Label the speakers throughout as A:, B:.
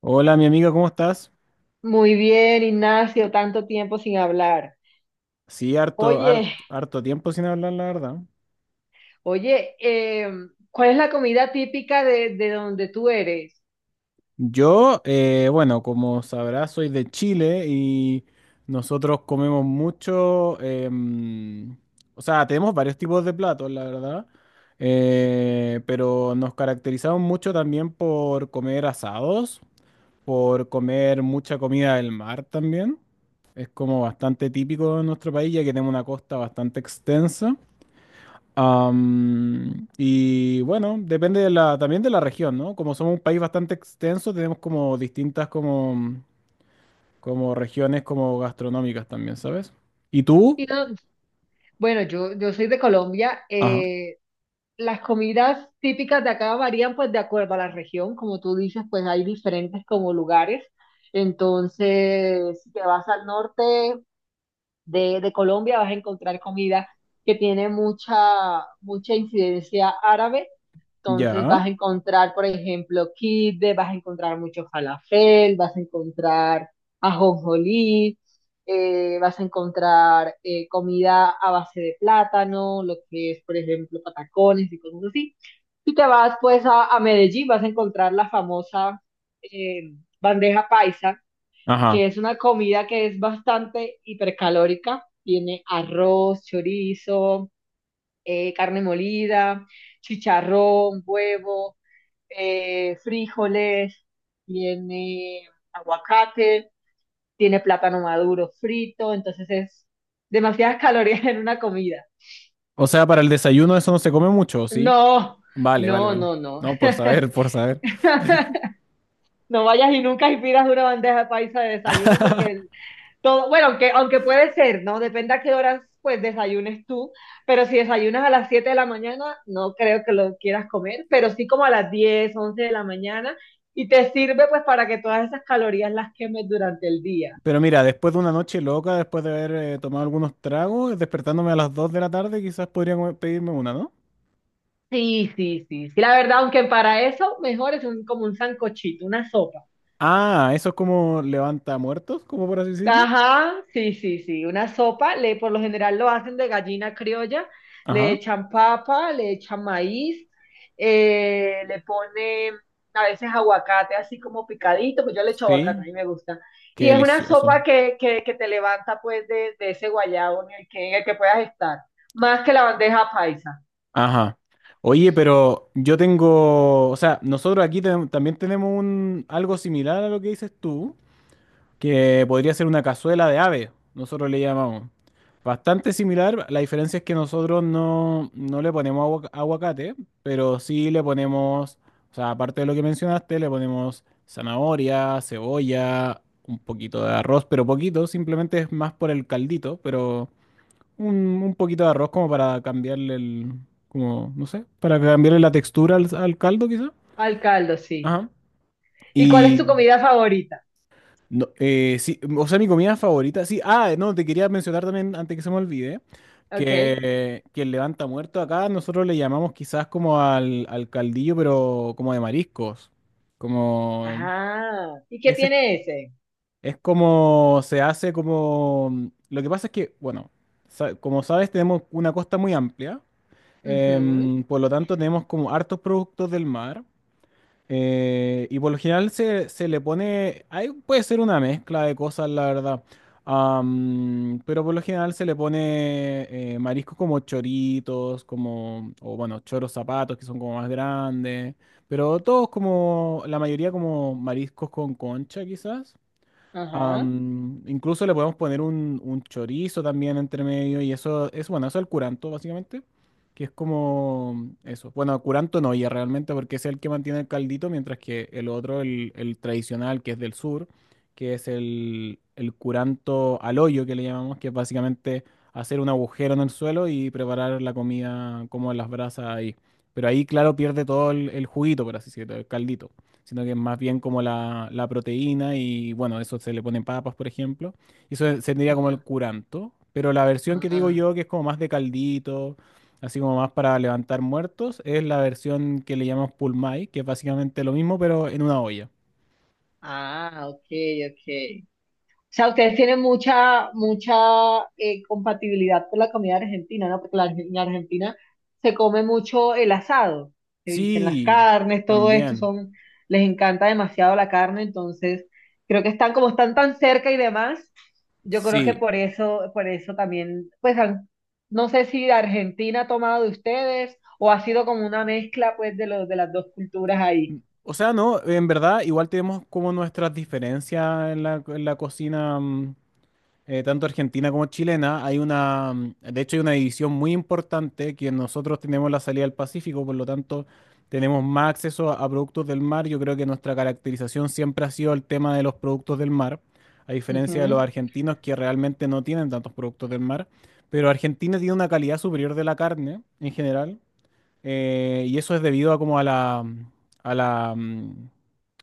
A: Hola, mi amiga, ¿cómo estás?
B: Muy bien, Ignacio, tanto tiempo sin hablar.
A: Sí, harto,
B: Oye,
A: tiempo sin hablar, la verdad.
B: oye, ¿cuál es la comida típica de donde tú eres?
A: Yo, bueno, como sabrás, soy de Chile y nosotros comemos mucho, o sea, tenemos varios tipos de platos, la verdad, pero nos caracterizamos mucho también por comer asados, por comer mucha comida del mar también. Es como bastante típico de nuestro país, ya que tenemos una costa bastante extensa. Y bueno, depende también de la región, ¿no? Como somos un país bastante extenso, tenemos como distintas como regiones como gastronómicas también, ¿sabes? ¿Y tú?
B: Y no- bueno, yo soy de Colombia.
A: Ajá.
B: Las comidas típicas de acá varían pues de acuerdo a la región. Como tú dices, pues hay diferentes como lugares. Entonces, si te vas al norte de Colombia, vas a encontrar comida que tiene mucha, mucha incidencia árabe. Entonces
A: Ya.
B: vas a encontrar, por ejemplo, kibbe, vas a encontrar mucho falafel, vas a encontrar ajonjolí, vas a encontrar comida a base de plátano, lo que es, por ejemplo, patacones y cosas así. Si te vas pues a Medellín, vas a encontrar la famosa eh, bandeja paisa,
A: Ajá.
B: que es una comida que es bastante hipercalórica. Tiene arroz, chorizo, carne molida, chicharrón, huevo, frijoles, tiene aguacate, tiene plátano maduro frito, entonces es demasiadas calorías en una comida.
A: O sea, para el desayuno eso no se come mucho, ¿o sí?
B: No,
A: Vale, vale,
B: no,
A: vale.
B: no, no.
A: No, por saber, por saber.
B: No vayas y nunca y pidas una bandeja paisa de desayuno. Todo, bueno, aunque puede ser, ¿no? Depende a qué horas pues desayunes tú, pero si desayunas a las 7 de la mañana, no creo que lo quieras comer, pero sí como a las 10 11 de la mañana, y te sirve pues para que todas esas calorías las quemes durante el día.
A: Pero mira, después de una noche loca, después de haber tomado algunos tragos, despertándome a las 2 de la tarde, quizás podría pedirme una, ¿no?
B: Sí, sí, sí, sí. La verdad, aunque para eso mejor es un, como un sancochito, una sopa.
A: Ah, eso es como levanta muertos, como por así decirlo.
B: Ajá, sí, sí, sí, una sopa. Le, por lo general lo hacen de gallina criolla. Le
A: Ajá.
B: echan papa, le echan maíz, le ponen a veces aguacate así como picadito, pues yo le echo
A: Sí,
B: aguacate, a mí me gusta.
A: qué
B: Y es una
A: delicioso.
B: sopa que te levanta pues de ese guayabo en el que puedas estar. Más que la bandeja paisa.
A: Ajá. Oye, pero yo tengo, o sea, nosotros aquí también tenemos un algo similar a lo que dices tú, que podría ser una cazuela de ave, nosotros le llamamos. Bastante similar, la diferencia es que nosotros no le ponemos aguacate, pero sí le ponemos, o sea, aparte de lo que mencionaste, le ponemos zanahoria, cebolla, un poquito de arroz, pero poquito, simplemente es más por el caldito, pero un, un poquito de arroz como para cambiarle el, como, no sé, para cambiarle la textura al caldo quizá.
B: Al caldo, sí.
A: Ajá.
B: ¿Y cuál es tu
A: Y,
B: comida favorita?
A: no, sí, o sea, mi comida favorita, sí, ah, no, te quería mencionar también, antes que se me olvide,
B: Ok.
A: que el levanta muerto acá nosotros le llamamos quizás como al caldillo, pero como de mariscos, como,
B: Ajá. ¿Y qué
A: ese es
B: tiene ese?
A: es como, se hace como, lo que pasa es que, bueno, como sabes, tenemos una costa muy amplia.
B: Ujú,
A: Por lo tanto, tenemos como hartos productos del mar. Y por lo general se le pone, ahí puede ser una mezcla de cosas, la verdad. Pero por lo general se le pone mariscos como choritos, como, o bueno, choros zapatos que son como más grandes. Pero todos como, la mayoría como mariscos con concha quizás.
B: ajá.
A: Incluso le podemos poner un chorizo también entre medio y eso es bueno, eso es el curanto básicamente, que es como eso. Bueno, curanto no ya realmente porque es el que mantiene el caldito, mientras que el otro, el tradicional que es del sur, que es el curanto al hoyo que le llamamos, que es básicamente hacer un agujero en el suelo y preparar la comida como en las brasas ahí. Pero ahí, claro, pierde todo el juguito, por así decirlo, el caldito sino que es más bien como la proteína y bueno, eso se le ponen papas, por ejemplo. Y eso sería como el
B: Ajá.
A: curanto, pero la versión que digo
B: Ajá.
A: yo, que es como más de caldito, así como más para levantar muertos, es la versión que le llamamos pulmay, que es básicamente lo mismo, pero en una olla.
B: Ah, ok, ok. O sea, ustedes tienen mucha, mucha compatibilidad con la comida argentina, ¿no? Porque la, en Argentina se come mucho el asado, se dicen las
A: Sí,
B: carnes, todo esto
A: también,
B: son, les encanta demasiado la carne, entonces creo que están como están tan cerca y demás, yo creo que
A: sí.
B: por eso también. No sé si Argentina ha tomado de ustedes o ha sido como una mezcla pues de los de las dos culturas ahí.
A: O sea, no, en verdad, igual tenemos como nuestras diferencias en la cocina. Tanto argentina como chilena, hay de hecho hay una división muy importante que nosotros tenemos la salida al Pacífico, por lo tanto tenemos más acceso a productos del mar. Yo creo que nuestra caracterización siempre ha sido el tema de los productos del mar, a diferencia de los
B: Ujú.
A: argentinos que realmente no tienen tantos productos del mar, pero Argentina tiene una calidad superior de la carne en general. Y eso es debido a como a la, a la, mm,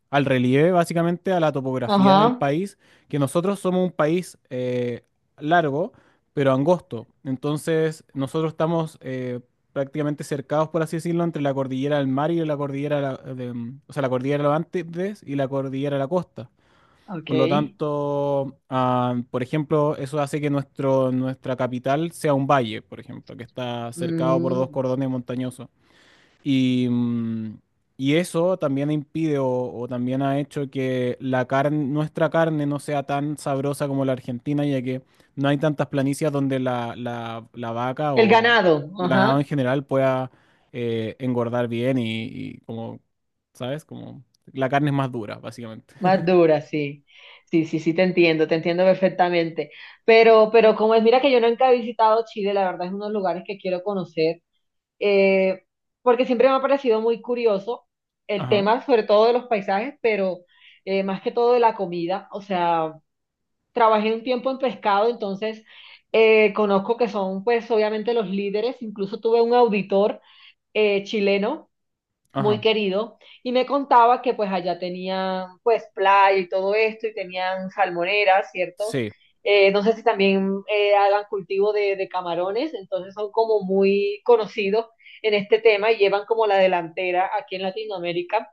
A: al relieve, básicamente, a la topografía del
B: Ajá,
A: país, que nosotros somos un país largo, pero angosto. Entonces, nosotros estamos prácticamente cercados, por así decirlo, entre la cordillera del mar y la cordillera, de la- de, mm, o sea, la cordillera de los Andes y la cordillera de la costa.
B: ok.
A: Por lo tanto, ah, por ejemplo, eso hace que nuestro, nuestra capital sea un valle, por ejemplo, que está cercado por dos
B: Mm.
A: cordones montañosos. Y, mm, y eso también impide o también ha hecho que la carne, nuestra carne no sea tan sabrosa como la argentina, ya que no hay tantas planicias donde la vaca
B: El
A: o
B: ganado,
A: el ganado en
B: ajá,
A: general pueda engordar bien y como, ¿sabes? Como la carne es más dura, básicamente.
B: más dura, sí. Sí, sí, sí, te entiendo perfectamente. Pero como es, mira que yo nunca he visitado Chile, la verdad es uno de los lugares que quiero conocer, eh, porque siempre me ha parecido muy curioso el
A: Ajá,
B: tema, sobre todo de los paisajes, pero más que todo de la comida. O sea, trabajé un tiempo en pescado, entonces conozco que son, pues, obviamente los líderes. Incluso tuve un auditor chileno muy
A: ajá,
B: querido, y me contaba que pues allá tenían pues playa y todo esto, y tenían salmoneras, ¿cierto?
A: sí,
B: No sé si también hagan cultivo de camarones, entonces son como muy conocidos en este tema y llevan como la delantera aquí en Latinoamérica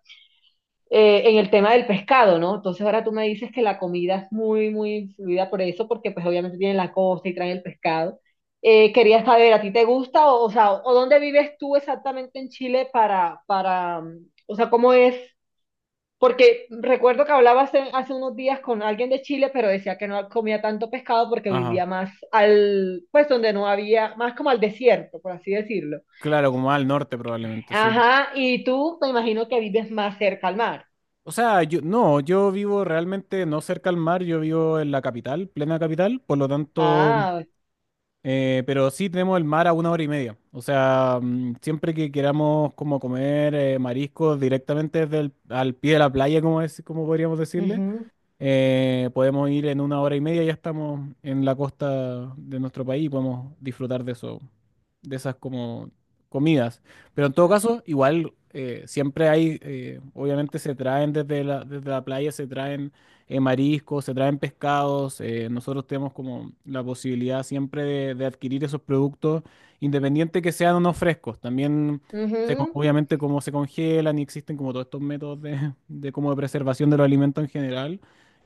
B: en el tema del pescado, ¿no? Entonces ahora tú me dices que la comida es muy, muy influida por eso, porque pues obviamente tienen la costa y traen el pescado. Quería saber, ¿a ti te gusta? O sea, ¿o dónde vives tú exactamente en Chile para, o sea, cómo es? Porque recuerdo que hablaba hace unos días con alguien de Chile, pero decía que no comía tanto pescado porque
A: ajá.
B: vivía más al, pues donde no había, más como al desierto, por así decirlo.
A: Claro, como al norte probablemente, sí.
B: Ajá, y tú me imagino que vives más cerca al mar.
A: O sea, no, yo vivo realmente no cerca al mar, yo vivo en la capital, plena capital, por lo tanto,
B: Ah,
A: pero sí tenemos el mar a una hora y media. O sea, mm, siempre que queramos como comer mariscos directamente desde al pie de la playa, como es, como podríamos decirle,
B: ujú.
A: podemos ir en una hora y media, ya estamos en la costa de nuestro país y podemos disfrutar de eso, de esas como comidas. Pero en todo caso, igual siempre hay, obviamente se traen desde la playa, se traen mariscos, se traen pescados. Nosotros tenemos como la posibilidad siempre de adquirir esos productos, independiente que sean o no frescos. También,
B: Ujú,
A: obviamente, como se congelan y existen como todos estos métodos de como de preservación de los alimentos en general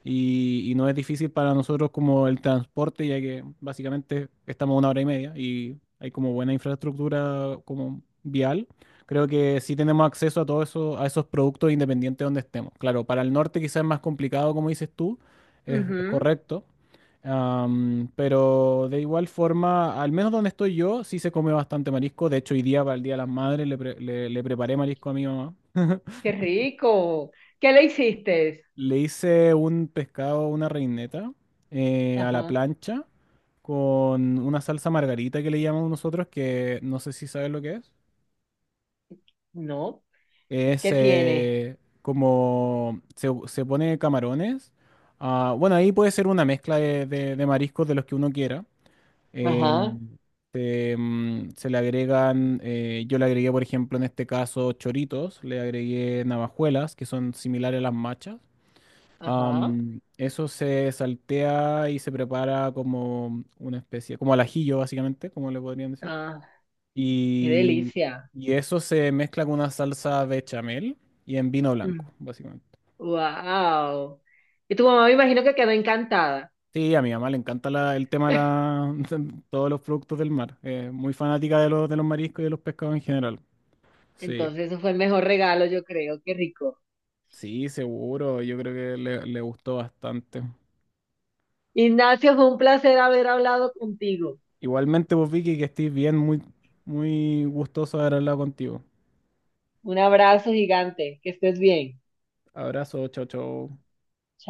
A: y no es difícil para nosotros como el transporte, ya que básicamente estamos a una hora y media y hay como buena infraestructura como vial. Creo que sí tenemos acceso a todo eso, a esos productos independientes donde estemos. Claro, para el norte quizás es más complicado, como dices tú, es
B: ujú.
A: correcto. Pero de igual forma, al menos donde estoy yo, sí se come bastante marisco. De hecho, hoy día para el Día de las Madres le preparé marisco a mi mamá.
B: Qué rico. ¿Qué le hiciste?
A: Le hice un pescado, una reineta a la
B: Ajá.
A: plancha con una salsa margarita que le llamamos nosotros, que no sé si sabes lo que es.
B: No.
A: Es
B: ¿Qué tiene?
A: como se pone camarones. Ah, bueno, ahí puede ser una mezcla de mariscos de los que uno quiera. Eh,
B: Ajá.
A: se le agregan, yo le agregué, por ejemplo, en este caso, choritos, le agregué navajuelas, que son similares a las machas.
B: Ajá.
A: Eso se saltea y se prepara como una especie, como al ajillo básicamente, como le podrían decir.
B: Ah, qué
A: Y,
B: delicia.
A: y eso se mezcla con una salsa bechamel y en vino blanco, básicamente.
B: Wow. Y tu mamá me imagino que quedó encantada.
A: Sí, a mi mamá le encanta la- el tema de la- todos los productos del mar. Es muy fanática de los mariscos y de los pescados en general. Sí,
B: Entonces, eso fue el mejor regalo, yo creo. Qué rico.
A: sí, seguro. Yo creo que le gustó bastante.
B: Ignacio, fue un placer haber hablado contigo.
A: Igualmente, vos, Vicky, que estés bien, muy, muy gustoso de haber hablado contigo.
B: Un abrazo gigante. Que estés bien.
A: Abrazo, chao, chao.
B: Chao.